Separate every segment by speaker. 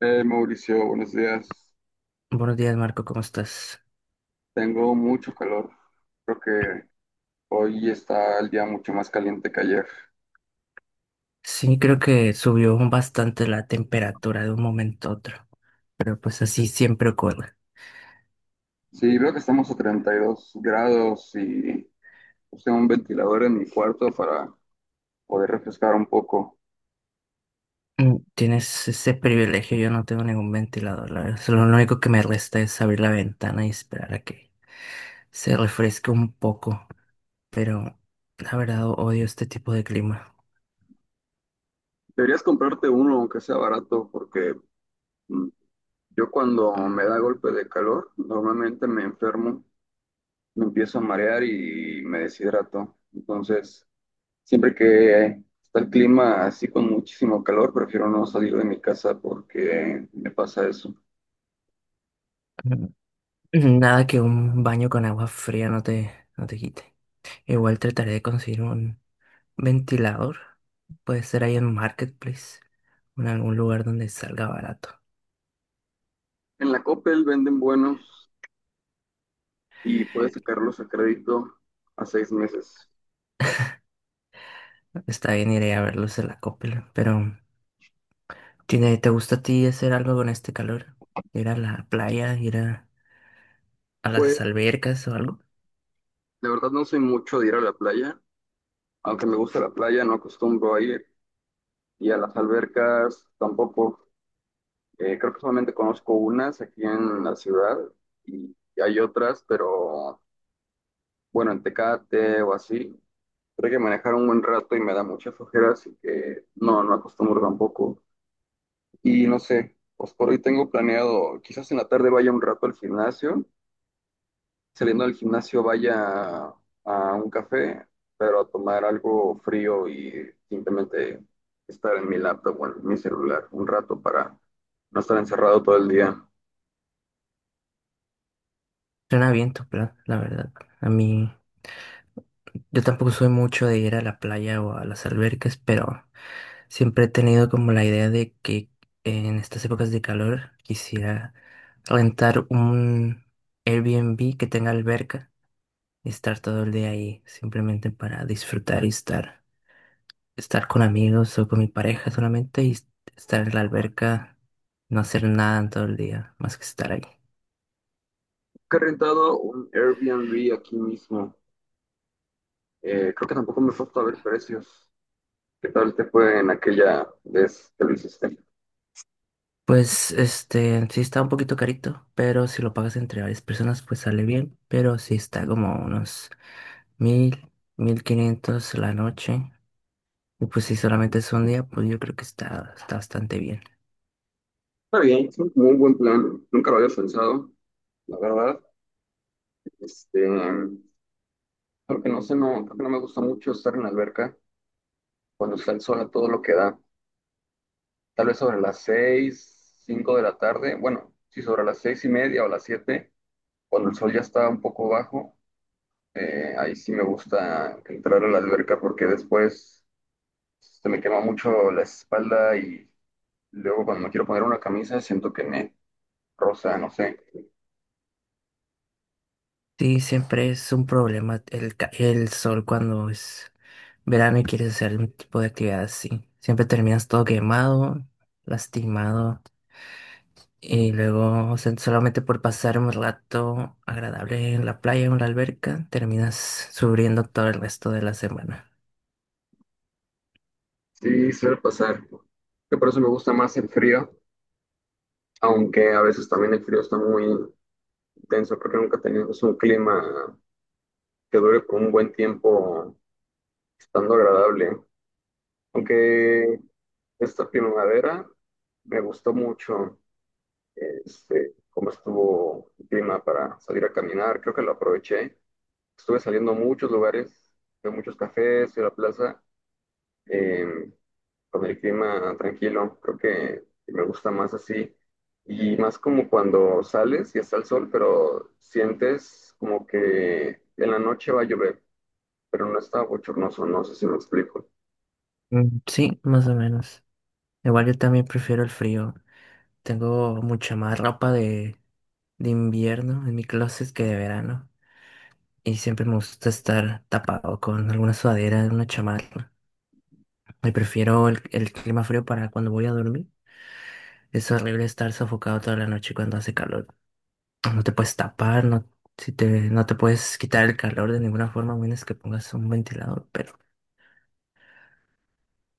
Speaker 1: Mauricio, buenos días.
Speaker 2: Buenos días, Marco, ¿cómo estás?
Speaker 1: Tengo mucho calor. Creo que hoy está el día mucho más caliente que ayer.
Speaker 2: Sí, creo que subió bastante la temperatura de un momento a otro, pero pues así siempre ocurre.
Speaker 1: Sí, veo que estamos a 32 grados y usé un ventilador en mi cuarto para poder refrescar un poco.
Speaker 2: Mm. Tienes ese privilegio, yo no tengo ningún ventilador, la verdad. Solo Lo único que me resta es abrir la ventana y esperar a que se refresque un poco, pero la verdad odio este tipo de clima.
Speaker 1: Deberías comprarte uno, aunque sea barato, porque mm, yo cuando me da golpe de calor, normalmente me enfermo, me empiezo a marear y me deshidrato. Entonces, siempre que está el clima así con muchísimo calor, prefiero no salir de mi casa porque me pasa eso.
Speaker 2: Mm. Nada que un baño con agua fría no te quite. Igual trataré de conseguir un ventilador, puede ser ahí en Marketplace, en algún lugar donde salga barato.
Speaker 1: En la Coppel venden buenos y puedes sacarlos a crédito a 6 meses.
Speaker 2: Está bien, iré a verlos en la Coppel, pero ¿ te gusta a ti hacer algo con este calor? ¿Ir a la playa, ir a
Speaker 1: Pues
Speaker 2: las albercas o algo?
Speaker 1: de verdad no soy mucho de ir a la playa, aunque me gusta la playa, no acostumbro a ir y a las albercas tampoco. Creo que solamente conozco unas aquí en la ciudad y hay otras, pero bueno, en Tecate o así. Creo que manejar un buen rato y me da mucha flojera, así que no, no acostumbro tampoco. Y no sé, pues por hoy tengo planeado, quizás en la tarde vaya un rato al gimnasio, saliendo del gimnasio vaya a un café, pero a tomar algo frío y simplemente estar en mi laptop o en mi celular un rato para no estar encerrado todo el día.
Speaker 2: Suena bien tu plan, la verdad. A mí, yo tampoco soy mucho de ir a la playa o a las albercas, pero siempre he tenido como la idea de que en estas épocas de calor quisiera rentar un Airbnb que tenga alberca y estar todo el día ahí simplemente para disfrutar y estar con amigos o con mi pareja solamente y estar en la alberca, no hacer nada en todo el día, más que estar ahí.
Speaker 1: Que he rentado un Airbnb aquí mismo. Creo que tampoco me he puesto a ver precios. ¿Qué tal te fue en aquella vez que lo hiciste?
Speaker 2: Pues sí está un poquito carito, pero si lo pagas entre varias personas, pues sale bien, pero sí está como unos 1000, 1500 la noche. Y pues si solamente es un día, pues yo creo que está bastante bien.
Speaker 1: Está bien, es un muy buen plan. Nunca lo había pensado, la verdad. Este, creo que no sé, no, creo que no me gusta mucho estar en la alberca cuando está el sol a todo lo que da. Tal vez sobre las seis, cinco de la tarde. Bueno, sí, sobre las seis y media o las siete, cuando el sol ya está un poco bajo, ahí sí me gusta entrar a la alberca porque después se me quema mucho la espalda y luego cuando me quiero poner una camisa siento que me roza, no sé.
Speaker 2: Sí, siempre es un problema el sol cuando es verano y quieres hacer un tipo de actividad así. Siempre terminas todo quemado, lastimado y luego, o sea, solamente por pasar un rato agradable en la playa o en la alberca terminas sufriendo todo el resto de la semana.
Speaker 1: Sí, suele pasar. Que por eso me gusta más el frío, aunque a veces también el frío está muy intenso. Creo que nunca tenemos un clima que dure por un buen tiempo estando agradable. Aunque esta primavera me gustó mucho este, cómo estuvo el clima para salir a caminar. Creo que lo aproveché. Estuve saliendo a muchos lugares, fui a muchos cafés, fui a la plaza. Em, con el clima tranquilo. Creo que me gusta más así. Y más como cuando sales y está el sol, pero sientes como que en la noche va a llover, pero no está bochornoso, no sé si me explico.
Speaker 2: Mm, sí, más o menos. Igual yo también prefiero el frío. Tengo mucha más ropa de invierno en mi closet que de verano. Y siempre me gusta estar tapado con alguna sudadera, una chamarra. Y prefiero el clima frío para cuando voy a dormir. Es horrible estar sofocado toda la noche cuando hace calor. No te puedes tapar, no, no te puedes quitar el calor de ninguna forma, a menos que pongas un ventilador, pero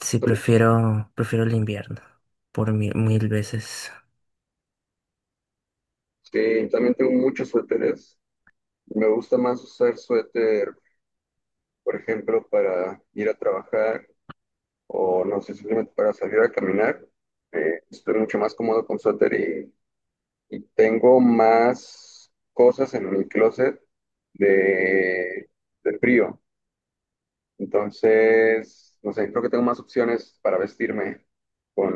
Speaker 2: sí
Speaker 1: También-
Speaker 2: prefiero el invierno por mil veces.
Speaker 1: sí, también tengo muchos suéteres. Me gusta más usar suéter, por ejemplo, para ir a trabajar o no sé, simplemente para salir a caminar. Estoy mucho más cómodo con suéter. Y tengo más cosas en mi closet de, de frío. Entonces, no sé, creo que tengo más opciones para vestirme con,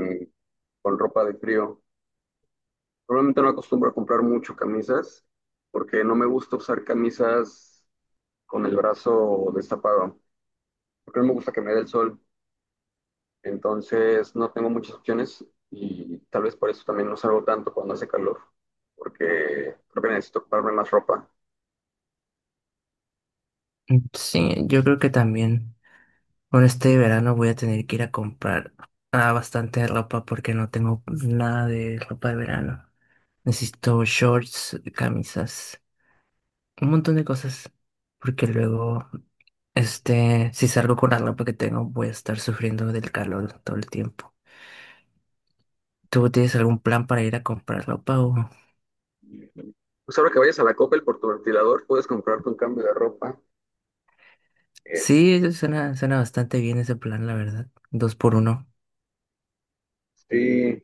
Speaker 1: con ropa de frío. Probablemente no acostumbro a comprar mucho camisas porque no me gusta usar camisas con el brazo destapado, porque no me gusta que me dé el sol. Entonces, no tengo muchas opciones y tal vez por eso también no salgo tanto cuando hace calor, porque creo que necesito comprarme más ropa.
Speaker 2: Mm, sí, yo creo que también con este verano voy a tener que ir a comprar bastante ropa porque no tengo nada de ropa de verano. Necesito shorts, camisas, un montón de cosas, porque luego, si salgo con la ropa que tengo, voy a estar sufriendo del calor todo el tiempo. ¿Tú tienes algún plan para ir a comprar ropa o?
Speaker 1: Pues ahora que vayas a la Coppel por tu ventilador, puedes comprarte un cambio de ropa.
Speaker 2: Sí, eso suena bastante bien ese plan, la verdad. Dos por uno.
Speaker 1: Este,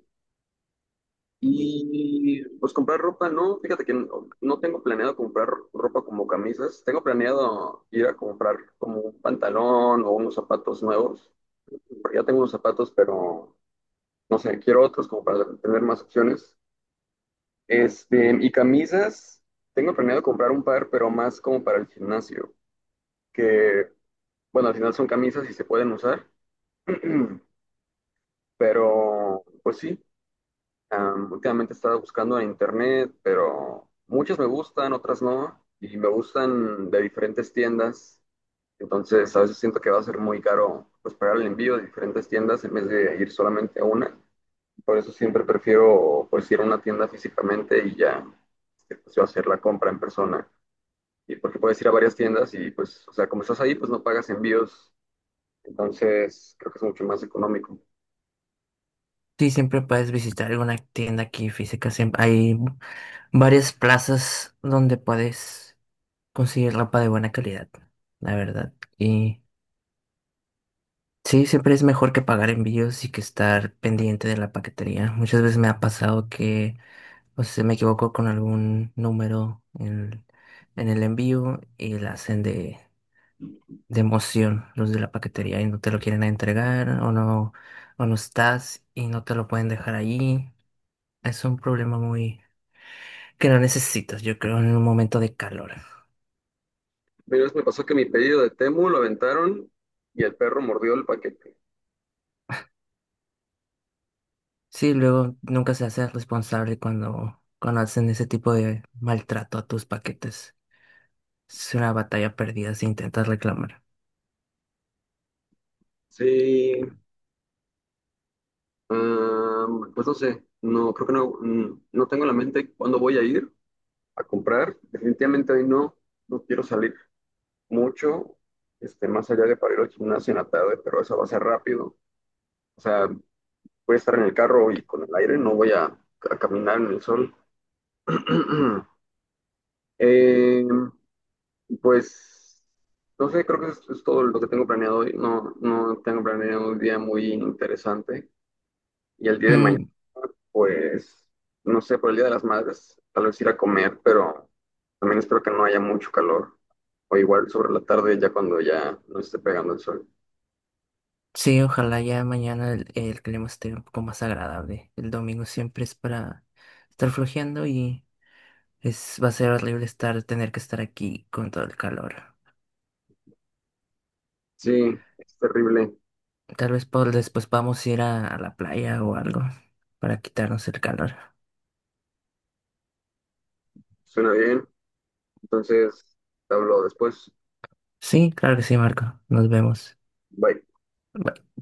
Speaker 1: y pues comprar ropa, no, fíjate que no, no tengo planeado comprar ropa como camisas. Tengo planeado ir a comprar como un pantalón o unos zapatos nuevos, porque ya tengo unos zapatos, pero no sé, quiero otros como para tener más opciones. Este, y camisas, tengo planeado comprar un par, pero más como para el gimnasio. Que, bueno, al final son camisas y se pueden usar. Pero, pues sí, últimamente he estado buscando en internet, pero muchas me gustan, otras no, y me gustan de diferentes tiendas. Entonces, a veces siento que va a ser muy caro pues pagar el envío de diferentes tiendas en vez de ir solamente a una. Por eso siempre prefiero pues ir a una tienda físicamente y ya este, pues, yo hacer la compra en persona. Y porque puedes ir a varias tiendas y pues, o sea, como estás ahí, pues no pagas envíos. Entonces, creo que es mucho más económico.
Speaker 2: Sí, siempre puedes visitar alguna tienda aquí física. Siempre hay varias plazas donde puedes conseguir ropa de buena calidad, la verdad. Y sí, siempre es mejor que pagar envíos y que estar pendiente de la paquetería. Muchas veces me ha pasado que, o sea, me equivoco con algún número en el envío y la hacen de emoción los de la paquetería y no te lo quieren entregar o no estás y no te lo pueden dejar ahí. Es un problema muy que no necesitas, yo creo, en un momento de calor.
Speaker 1: Una vez me pasó que mi pedido de Temu lo aventaron y el perro mordió el paquete.
Speaker 2: Sí, luego nunca se hace responsable cuando hacen ese tipo de maltrato a tus paquetes. Será batalla perdida si intentas reclamar.
Speaker 1: Sí, ah, pues no sé, no, creo que no, no tengo en la mente cuándo voy a ir a comprar. Definitivamente hoy no, no quiero salir mucho, este, más allá de para ir al gimnasio en la tarde, pero eso va a ser rápido. O sea, voy a estar en el carro y con el aire, no voy a caminar en el sol. Eh, Y pues, no sé, creo que es todo lo que tengo planeado hoy. No, no tengo planeado un día muy interesante. Y el día de mañana,
Speaker 2: Mm,
Speaker 1: pues, no sé, por el Día de las Madres, tal vez ir a comer, pero también espero que no haya mucho calor. O igual sobre la tarde, ya cuando ya no esté pegando el sol.
Speaker 2: sí, ojalá ya mañana el clima esté un poco más agradable. El domingo siempre es para estar flojeando y es, va a ser horrible tener que estar aquí con todo el calor.
Speaker 1: Sí, es terrible.
Speaker 2: Tal vez después vamos a ir a la playa o algo para quitarnos el calor.
Speaker 1: Suena bien. Entonces, te hablo después.
Speaker 2: Sí, claro que sí, Marco. Nos vemos.
Speaker 1: Bye.